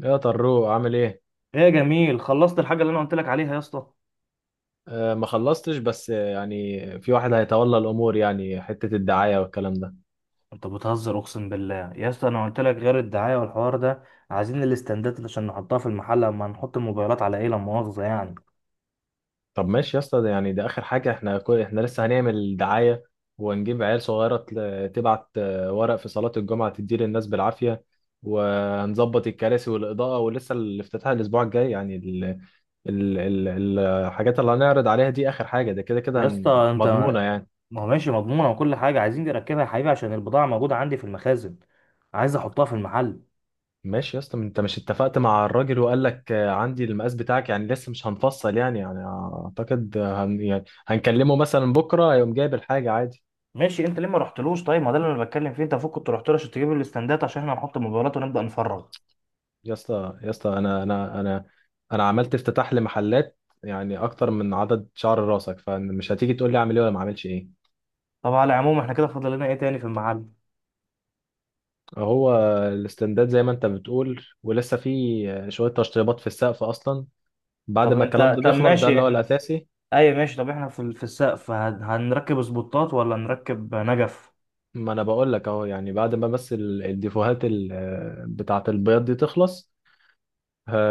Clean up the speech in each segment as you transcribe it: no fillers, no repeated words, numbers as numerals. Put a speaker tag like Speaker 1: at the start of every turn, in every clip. Speaker 1: يا طروق عامل ايه؟
Speaker 2: ايه يا جميل، خلصت الحاجه اللي انا قلت لك عليها يا اسطى؟
Speaker 1: ما خلصتش بس، يعني في واحد هيتولى الامور، يعني حتة الدعاية والكلام ده.
Speaker 2: انت بتهزر، اقسم بالله يا اسطى انا قلت لك غير الدعايه والحوار ده. عايزين الاستندات اللي عشان نحطها في المحل، اما نحط الموبايلات على ايه، لا مؤاخذه يعني.
Speaker 1: طب ماشي يا اسطى، ده يعني ده اخر حاجة. احنا احنا لسه هنعمل دعاية، وهنجيب عيال صغيرة تبعت ورق في صلاة الجمعة تدي للناس بالعافية. وهنظبط الكراسي والإضاءة، ولسه الافتتاح الأسبوع الجاي. يعني ال ال ال الحاجات اللي هنعرض عليها دي آخر حاجة. ده كده كده
Speaker 2: يا اسطى انت،
Speaker 1: مضمونة يعني.
Speaker 2: ما هو ماشي مضمونه، وكل حاجه عايزين نركبها يا حبيبي عشان البضاعه موجوده عندي في المخازن. عايز احطها في المحل.
Speaker 1: ماشي يا اسطى، ما انت مش اتفقت مع الراجل وقال لك عندي المقاس بتاعك، يعني لسه مش هنفصل يعني، يعني اعتقد آه، هن يعني هنكلمه مثلا بكره هيقوم جايب الحاجه عادي.
Speaker 2: ماشي، انت ليه ما رحتلوش؟ طيب ما ده اللي انا بتكلم فيه، انت المفروض كنت رحت له عشان تجيب الاستندات عشان احنا نحط الموبايلات ونبدا نفرغ.
Speaker 1: يا اسطى يا اسطى، انا عملت افتتاح لمحلات يعني اكتر من عدد شعر راسك، فمش هتيجي تقول لي اعمل ايه ولا ما اعملش ايه.
Speaker 2: طب على العموم احنا كده فاضل لنا ايه تاني في المحل؟
Speaker 1: هو الاستنداد زي ما انت بتقول، ولسه في شويه تشطيبات في السقف اصلا بعد ما الكلام ده
Speaker 2: طب
Speaker 1: بيخلص، ده
Speaker 2: ماشي،
Speaker 1: اللي هو
Speaker 2: احنا،
Speaker 1: الاساسي.
Speaker 2: ايوه ماشي، طب احنا في السقف هنركب سبوتات ولا نركب نجف؟
Speaker 1: ما انا بقول لك اهو، يعني بعد ما بس الديفوهات بتاعه البياض دي تخلص،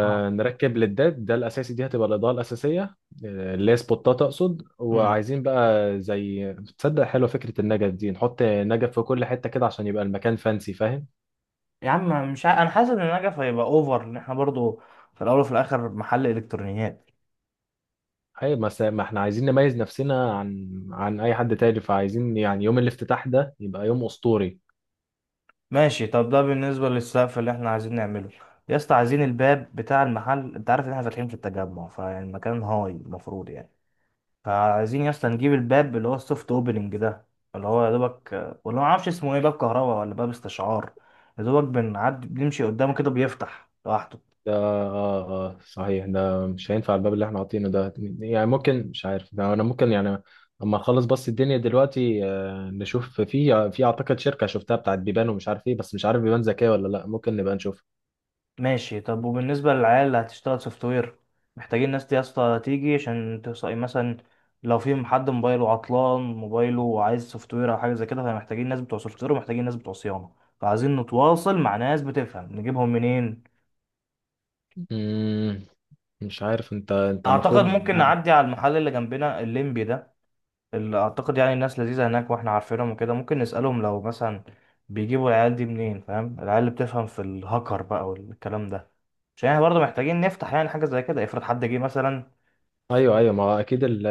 Speaker 2: اه.
Speaker 1: نركب للداد. ده الاساسي، دي هتبقى الاضاءه الاساسيه، اللي هي سبوتات اقصد.
Speaker 2: امم.
Speaker 1: وعايزين بقى زي تصدق حلوه فكره النجف دي، نحط نجف في كل حته كده عشان يبقى المكان فانسي، فاهم؟
Speaker 2: يا عم، مش ع... انا حاسس ان النجف هيبقى اوفر، ان احنا برضو في الاول وفي الاخر محل الكترونيات.
Speaker 1: اي ما احنا عايزين نميز نفسنا عن اي حد تاني، فعايزين يعني يوم الافتتاح ده يبقى يوم اسطوري.
Speaker 2: ماشي، طب ده بالنسبه للسقف اللي احنا عايزين نعمله. يا اسطى، عايزين الباب بتاع المحل، انت عارف ان احنا فاتحين في التجمع، فيعني المكان هاي المفروض يعني. فعايزين يا اسطى نجيب الباب اللي هو السوفت اوبننج ده، اللي هو يا دوبك، ولا ما اعرفش اسمه ايه، باب كهرباء ولا باب استشعار، يا دوبك بنعدي بنمشي قدامه كده بيفتح لوحده.
Speaker 1: ده اه. اه صحيح، ده مش هينفع الباب اللي احنا حاطينه ده. يعني ممكن، مش عارف ده، انا ممكن يعني اما اخلص بس الدنيا دلوقتي، نشوف في، في اعتقد شركة شفتها بتاعت بيبان ومش عارف ايه، بس مش عارف بيبان ذكية ولا لا، ممكن نبقى نشوف.
Speaker 2: ماشي، طب وبالنسبة للعيال اللي هتشتغل سوفت وير، محتاجين ناس دي يا اسطى تيجي عشان تصقي مثلا، لو في حد موبايله عطلان موبايله وعايز سوفت وير او حاجة زي كده، فمحتاجين ناس بتوع سوفت وير ومحتاجين ناس بتوع صيانة. فعايزين نتواصل مع ناس بتفهم، نجيبهم منين؟
Speaker 1: مم، مش عارف انت، انت المفروض
Speaker 2: اعتقد ممكن
Speaker 1: يعني.
Speaker 2: نعدي على المحل اللي جنبنا الليمبي ده، اللي اعتقد يعني الناس لذيذة هناك واحنا عارفينهم وكده، ممكن نسألهم لو مثلا بيجيبوا العيال دي منين، فاهم، العيال اللي بتفهم في الهاكر بقى والكلام ده، عشان احنا برضه محتاجين نفتح يعني حاجة زي كده، افرض حد جه مثلا.
Speaker 1: ايوه ايوه، ما هو اكيد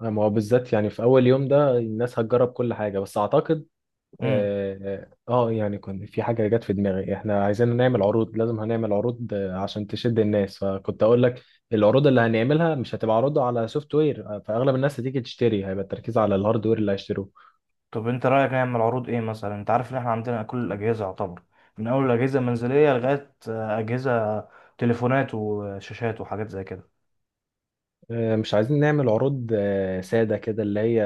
Speaker 1: ما هو بالذات يعني في اول يوم ده الناس هتجرب كل حاجة، بس اعتقد
Speaker 2: امم.
Speaker 1: اه. يعني كنت في حاجة جت في دماغي، احنا عايزين نعمل عروض، لازم هنعمل عروض عشان تشد الناس، فكنت اقول لك العروض اللي هنعملها مش هتبقى عروض على سوفت وير، فاغلب الناس هتيجي تشتري هيبقى التركيز على الهاردوير اللي هيشتروه.
Speaker 2: طب انت رايك نعمل عروض ايه مثلا؟ انت عارف ان احنا عندنا كل الاجهزه يعتبر، من اول الاجهزه المنزليه لغايه اجهزه تليفونات وشاشات وحاجات زي كده.
Speaker 1: مش عايزين نعمل عروض سادة كده، اللي هي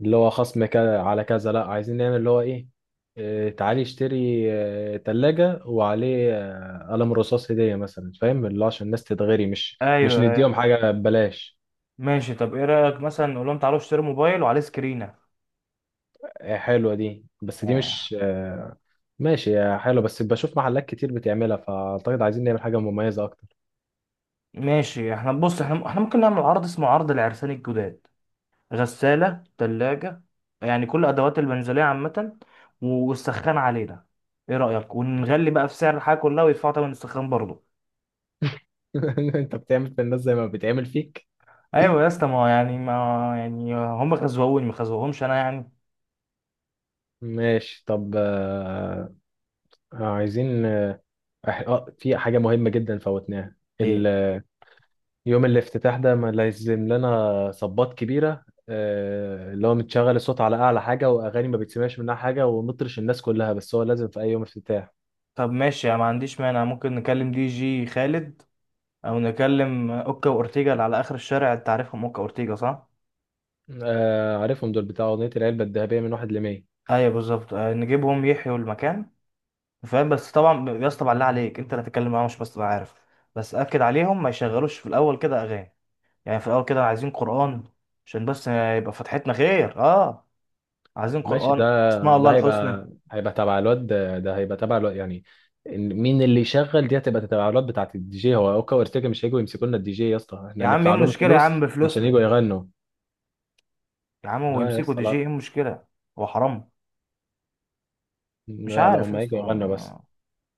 Speaker 1: اللي هو خصم كذا على كذا، لا عايزين نعمل اللي هو ايه، تعالي اشتري تلاجة وعليه قلم رصاص هدية مثلا، فاهم؟ اللي هو عشان الناس تتغري، مش
Speaker 2: ايوه، ايوه.
Speaker 1: نديهم حاجة ببلاش.
Speaker 2: ماشي، طب ايه رايك مثلا نقول لهم تعالوا اشتروا موبايل وعليه سكرينه؟
Speaker 1: حلوة دي، بس دي
Speaker 2: آه.
Speaker 1: مش ماشي يا حلو، بس بشوف محلات كتير بتعملها، فأعتقد عايزين نعمل حاجة مميزة أكتر.
Speaker 2: ماشي، احنا بص، احنا ممكن نعمل عرض اسمه عرض العرسان الجداد، غساله، ثلاجه، يعني كل ادوات المنزليه عامه، والسخان علينا. ايه رايك؟ ونغلي بقى في سعر الحاجه كلها ويدفعوا تمن السخان برضه.
Speaker 1: أنت بتعمل في الناس زي ما بتعمل فيك.
Speaker 2: ايوه يا اسطى، ما هو يعني ما، يعني هم خزوهوني ما خزوهمش انا يعني.
Speaker 1: ماشي طب، عايزين آه، في حاجة مهمة جدا فوتناها
Speaker 2: ليه؟
Speaker 1: يوم الافتتاح ده ما لازم لنا صبات كبيرة، اللي هو متشغل الصوت على أعلى حاجة وأغاني ما بتسمعش منها حاجة، ونطرش الناس كلها، بس هو لازم في أي يوم افتتاح.
Speaker 2: طب ماشي، انا ما عنديش مانع، ممكن نكلم دي جي خالد، او نكلم اوكا واورتيجا اللي على اخر الشارع، انت عارفهم اوكا واورتيجا صح؟
Speaker 1: عارفهم دول، بتاع أغنية العلبة الذهبية من 1 لـ100.
Speaker 2: ايوه بالظبط، نجيبهم يحيوا المكان. فاهم؟ بس طبعا يا اسطى، بالله عليك انت اللي هتتكلم معاهم، مش بس تبقى عارف. بس اكد عليهم ما يشغلوش في الاول كده اغاني، يعني في الاول كده عايزين قران، عشان بس يبقى فتحتنا خير، اه. عايزين
Speaker 1: ماشي، ده
Speaker 2: قران، اسماء الله
Speaker 1: ده
Speaker 2: الحسنى.
Speaker 1: هيبقى تبع الواد ده, ده هيبقى تبع الواد يعني. مين اللي يشغل دي؟ هتبقى تبع الواد بتاعت الدي جي. هو اوكا وارتيجا مش هيجوا يمسكوا لنا الدي جي يا اسطى، احنا
Speaker 2: يا عم ايه
Speaker 1: ندفع لهم
Speaker 2: المشكله؟ يا عم
Speaker 1: فلوس عشان
Speaker 2: بفلوسنا،
Speaker 1: يجوا يغنوا.
Speaker 2: يا عم
Speaker 1: لا يا
Speaker 2: ويمسكوا
Speaker 1: اسطى،
Speaker 2: دي جي، ايه
Speaker 1: لا
Speaker 2: المشكلة؟ هو حرام؟ مش
Speaker 1: لا لا،
Speaker 2: عارف
Speaker 1: هم
Speaker 2: يا
Speaker 1: هيجوا
Speaker 2: اسطى
Speaker 1: يغنوا بس.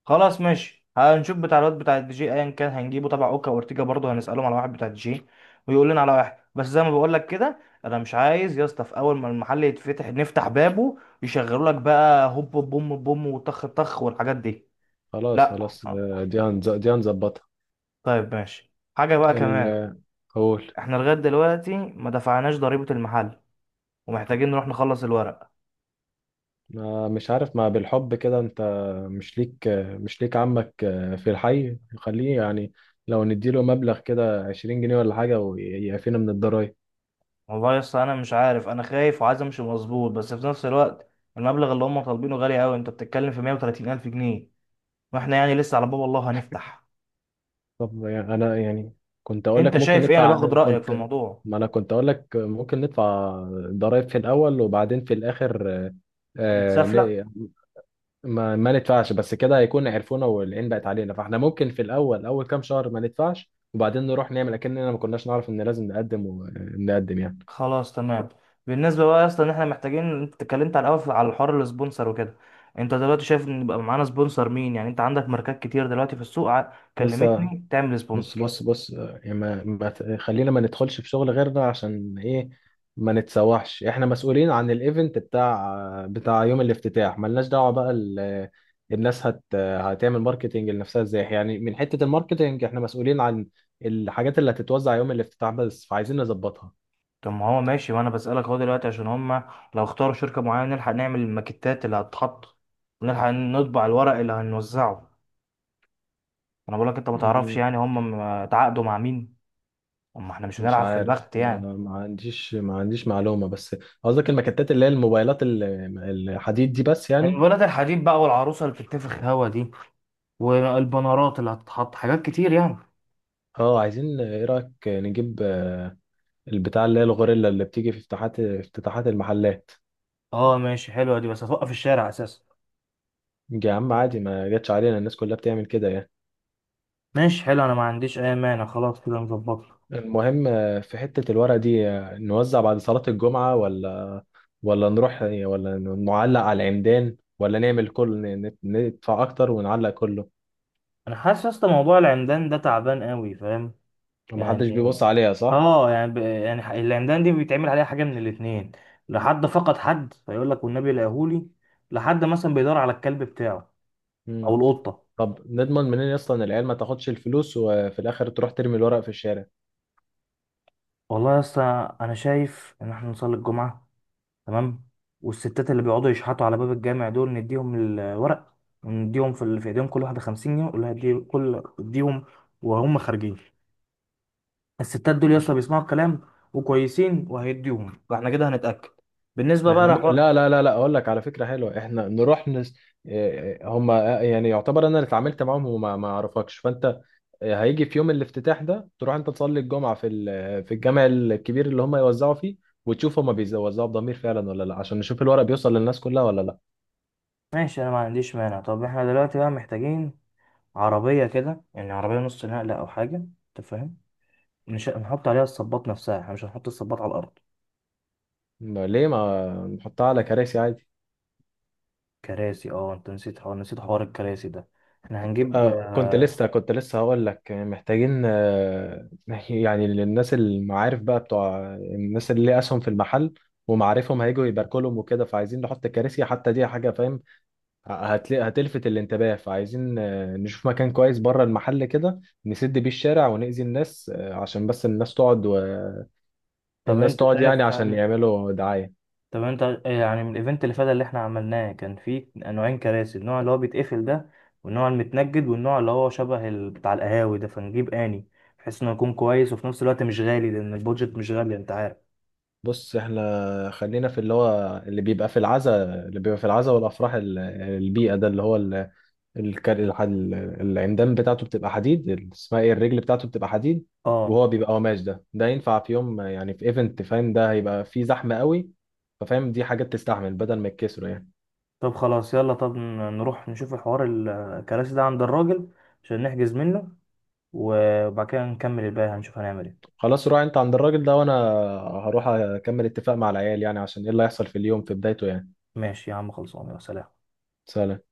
Speaker 2: خلاص، ماشي، هنشوف بتاع الواد بتاع الدي جي ايا كان هنجيبه، تبع اوكا وارتيجا برضه هنسألهم على واحد بتاع الدي جي، ويقول لنا على واحد. بس زي ما بقول لك كده، انا مش عايز يا اسطى في اول ما المحل يتفتح نفتح بابه يشغلوا لك بقى هوب بوم بوم وطخ طخ والحاجات دي.
Speaker 1: خلاص
Speaker 2: لا.
Speaker 1: خلاص، دي هنظبطها.
Speaker 2: طيب، ماشي، حاجة بقى كمان،
Speaker 1: ال- قول.
Speaker 2: احنا لغاية دلوقتي ما دفعناش ضريبة المحل، ومحتاجين نروح نخلص الورق.
Speaker 1: مش عارف، ما بالحب كده انت، مش ليك، مش ليك عمك في الحي، خليه يعني لو نديله مبلغ كده 20 جنيه ولا حاجة ويعفينا من الضرايب.
Speaker 2: والله يا اسطى انا مش عارف، انا خايف وعايز امشي مظبوط، بس في نفس الوقت المبلغ اللي هم طالبينه غالي قوي، انت بتتكلم في 130 الف جنيه، واحنا يعني لسه على باب الله هنفتح.
Speaker 1: طب يعني انا يعني كنت اقول
Speaker 2: انت
Speaker 1: لك ممكن
Speaker 2: شايف ايه؟ انا
Speaker 1: ندفع.
Speaker 2: باخد رايك في
Speaker 1: كنت،
Speaker 2: الموضوع.
Speaker 1: ما انا كنت اقول لك ممكن ندفع ضرائب في الاول، وبعدين في الاخر آه،
Speaker 2: اتسفلق.
Speaker 1: ن- ما, ما ندفعش. بس كده هيكون عرفونا والعين بقت علينا، فاحنا ممكن في الاول اول كام شهر ما ندفعش، وبعدين نروح نعمل اكننا ما كناش نعرف ان لازم نقدم، ونقدم يعني.
Speaker 2: خلاص، تمام. بالنسبه بقى يا اسطى ان احنا محتاجين، انت اتكلمت على الاول على الحوار السبونسر وكده، انت دلوقتي شايف ان يبقى معانا سبونسر مين يعني؟ انت عندك ماركات كتير دلوقتي في السوق،
Speaker 1: لسه.
Speaker 2: كلمتني تعمل
Speaker 1: بص
Speaker 2: سبونسر.
Speaker 1: بص بص، يعني ما ما ت- خلينا ما ندخلش في شغل غيرنا، عشان ايه ما نتسوحش. احنا مسؤولين عن الايفنت بتاع بتاع يوم الافتتاح، ملناش دعوة بقى الناس هت آه، هتعمل ماركتينج لنفسها ازاي يعني. من حتة الماركتينج احنا مسؤولين عن الحاجات اللي هتتوزع يوم الافتتاح بس، فعايزين نظبطها.
Speaker 2: طب ما هو ماشي، وانا بسألك اهو دلوقتي عشان هما لو اختاروا شركة معينة نلحق نعمل الماكيتات اللي هتتحط، ونلحق نطبع الورق اللي هنوزعه. انا بقولك انت ما تعرفش
Speaker 1: مم.
Speaker 2: يعني هما اتعاقدوا مع مين، اما احنا مش
Speaker 1: مش
Speaker 2: هنلعب في
Speaker 1: عارف،
Speaker 2: البخت
Speaker 1: انا
Speaker 2: يعني.
Speaker 1: ما عنديش معلومة. بس قصدك المكتات اللي هي الموبايلات الحديد دي بس يعني.
Speaker 2: الولاد الحديد بقى، والعروسة اللي بتتنفخ هوا دي، والبنرات اللي هتتحط، حاجات كتير يعني.
Speaker 1: اه عايزين، ايه رأيك نجيب البتاع اللي هي الغوريلا اللي بتيجي في افتتاحات المحلات.
Speaker 2: اه ماشي، حلوة دي، بس هتوقف الشارع اساسا.
Speaker 1: يا عم عادي، ما جاتش علينا، الناس كلها بتعمل كده يعني.
Speaker 2: ماشي، حلو، انا ما عنديش اي مانع، خلاص كده نظبطها.
Speaker 1: المهم، في حتة الورق دي، نوزع بعد صلاة الجمعة، ولا ولا نروح ولا نعلق على العمدان، ولا نعمل كل ندفع أكتر ونعلق كله.
Speaker 2: انا حاسس يا اسطى موضوع العمدان ده تعبان قوي، فاهم؟
Speaker 1: محدش
Speaker 2: يعني،
Speaker 1: بيبص عليها صح؟
Speaker 2: اه يعني يعني العمدان دي بيتعمل عليها حاجه، من الاثنين لحد فقد، حد فيقول لك والنبي لقاهولي، لحد مثلا بيدور على الكلب بتاعه، او
Speaker 1: مم.
Speaker 2: القطه.
Speaker 1: طب نضمن منين أصلا العيال ما تاخدش الفلوس وفي الآخر تروح ترمي الورق في الشارع؟
Speaker 2: والله يا اسطى انا شايف ان احنا نصلي الجمعه، تمام، والستات اللي بيقعدوا يشحتوا على باب الجامع دول نديهم الورق، ونديهم في ايديهم كل واحده 50 جنيه ولا هدي كل اديهم، وهم خارجين. الستات دول يا اسطى بيسمعوا الكلام وكويسين، وهيديهم، فاحنا كده هنتاكد. بالنسبه بقى
Speaker 1: احنا ممكن،
Speaker 2: لحوار،
Speaker 1: لا لا لا لا اقول لك على فكره حلوه، احنا نروح نس... إيه، هم يعني يعتبر انا اللي اتعاملت معاهم وما ما اعرفكش، فانت هيجي في يوم الافتتاح ده تروح انت تصلي الجمعه في ال... في الجامع الكبير اللي هم يوزعوا فيه، وتشوف هم بيوزعوا بضمير فعلا ولا لا، عشان نشوف الورق بيوصل للناس كلها ولا لا.
Speaker 2: ماشي، انا ما عنديش مانع. طب احنا دلوقتي بقى محتاجين عربية كده، يعني عربية نص نقلة أو حاجة، أنت فاهم، نحط عليها الصباط نفسها، احنا مش هنحط الصباط على الأرض.
Speaker 1: ليه ما نحطها على كراسي عادي.
Speaker 2: كراسي؟ اه، أنت نسيت حوار الكراسي ده، احنا هنجيب
Speaker 1: آه كنت لسه، كنت لسه هقول لك محتاجين آه يعني للناس المعارف بقى، بتوع الناس اللي ليها اسهم في المحل ومعارفهم هيجوا يباركوا لهم وكده، فعايزين نحط كراسي حتى، دي حاجه فاهم هتلفت الانتباه. فعايزين آه نشوف مكان كويس بره المحل كده، نسد بيه الشارع ونأذي الناس، آه عشان بس الناس تقعد،
Speaker 2: طب
Speaker 1: والناس
Speaker 2: أنت
Speaker 1: تقعد يعني
Speaker 2: شايف
Speaker 1: عشان يعملوا دعايه.
Speaker 2: طب أنت، يعني من الإيفنت اللي فات اللي احنا عملناه كان فيه نوعين كراسي، النوع اللي هو بيتقفل ده، والنوع المتنجد، والنوع اللي هو شبه بتاع القهاوي ده، فنجيب آني، بحيث إنه يكون كويس وفي نفس الوقت مش غالي، لأن البودجت مش غالي أنت عارف.
Speaker 1: بص احنا خلينا في اللي هو اللي بيبقى في العزا، والافراح البيئه ده اللي هو الكر... الح- ال- العمدان بتاعته بتبقى حديد اسمها ايه الرجل بتاعته بتبقى حديد،
Speaker 2: اه
Speaker 1: وهو بيبقى قماش. ده ينفع في يوم، يعني في ايفنت فاهم، ده هيبقى فيه زحمة قوي، ففاهم دي حاجات تستحمل بدل ما يتكسروا يعني.
Speaker 2: طب خلاص، يلا، طب نروح نشوف الحوار الكراسي ده عند الراجل، عشان نحجز منه، وبعد كده نكمل الباقي، هنشوف هنعمل ايه.
Speaker 1: خلاص روح انت عند الراجل ده، وانا هروح اكمل اتفاق مع العيال، يعني عشان ايه اللي هيحصل في اليوم في بدايته يعني.
Speaker 2: ماشي يا عم، خلصان. يا سلام.
Speaker 1: سلام.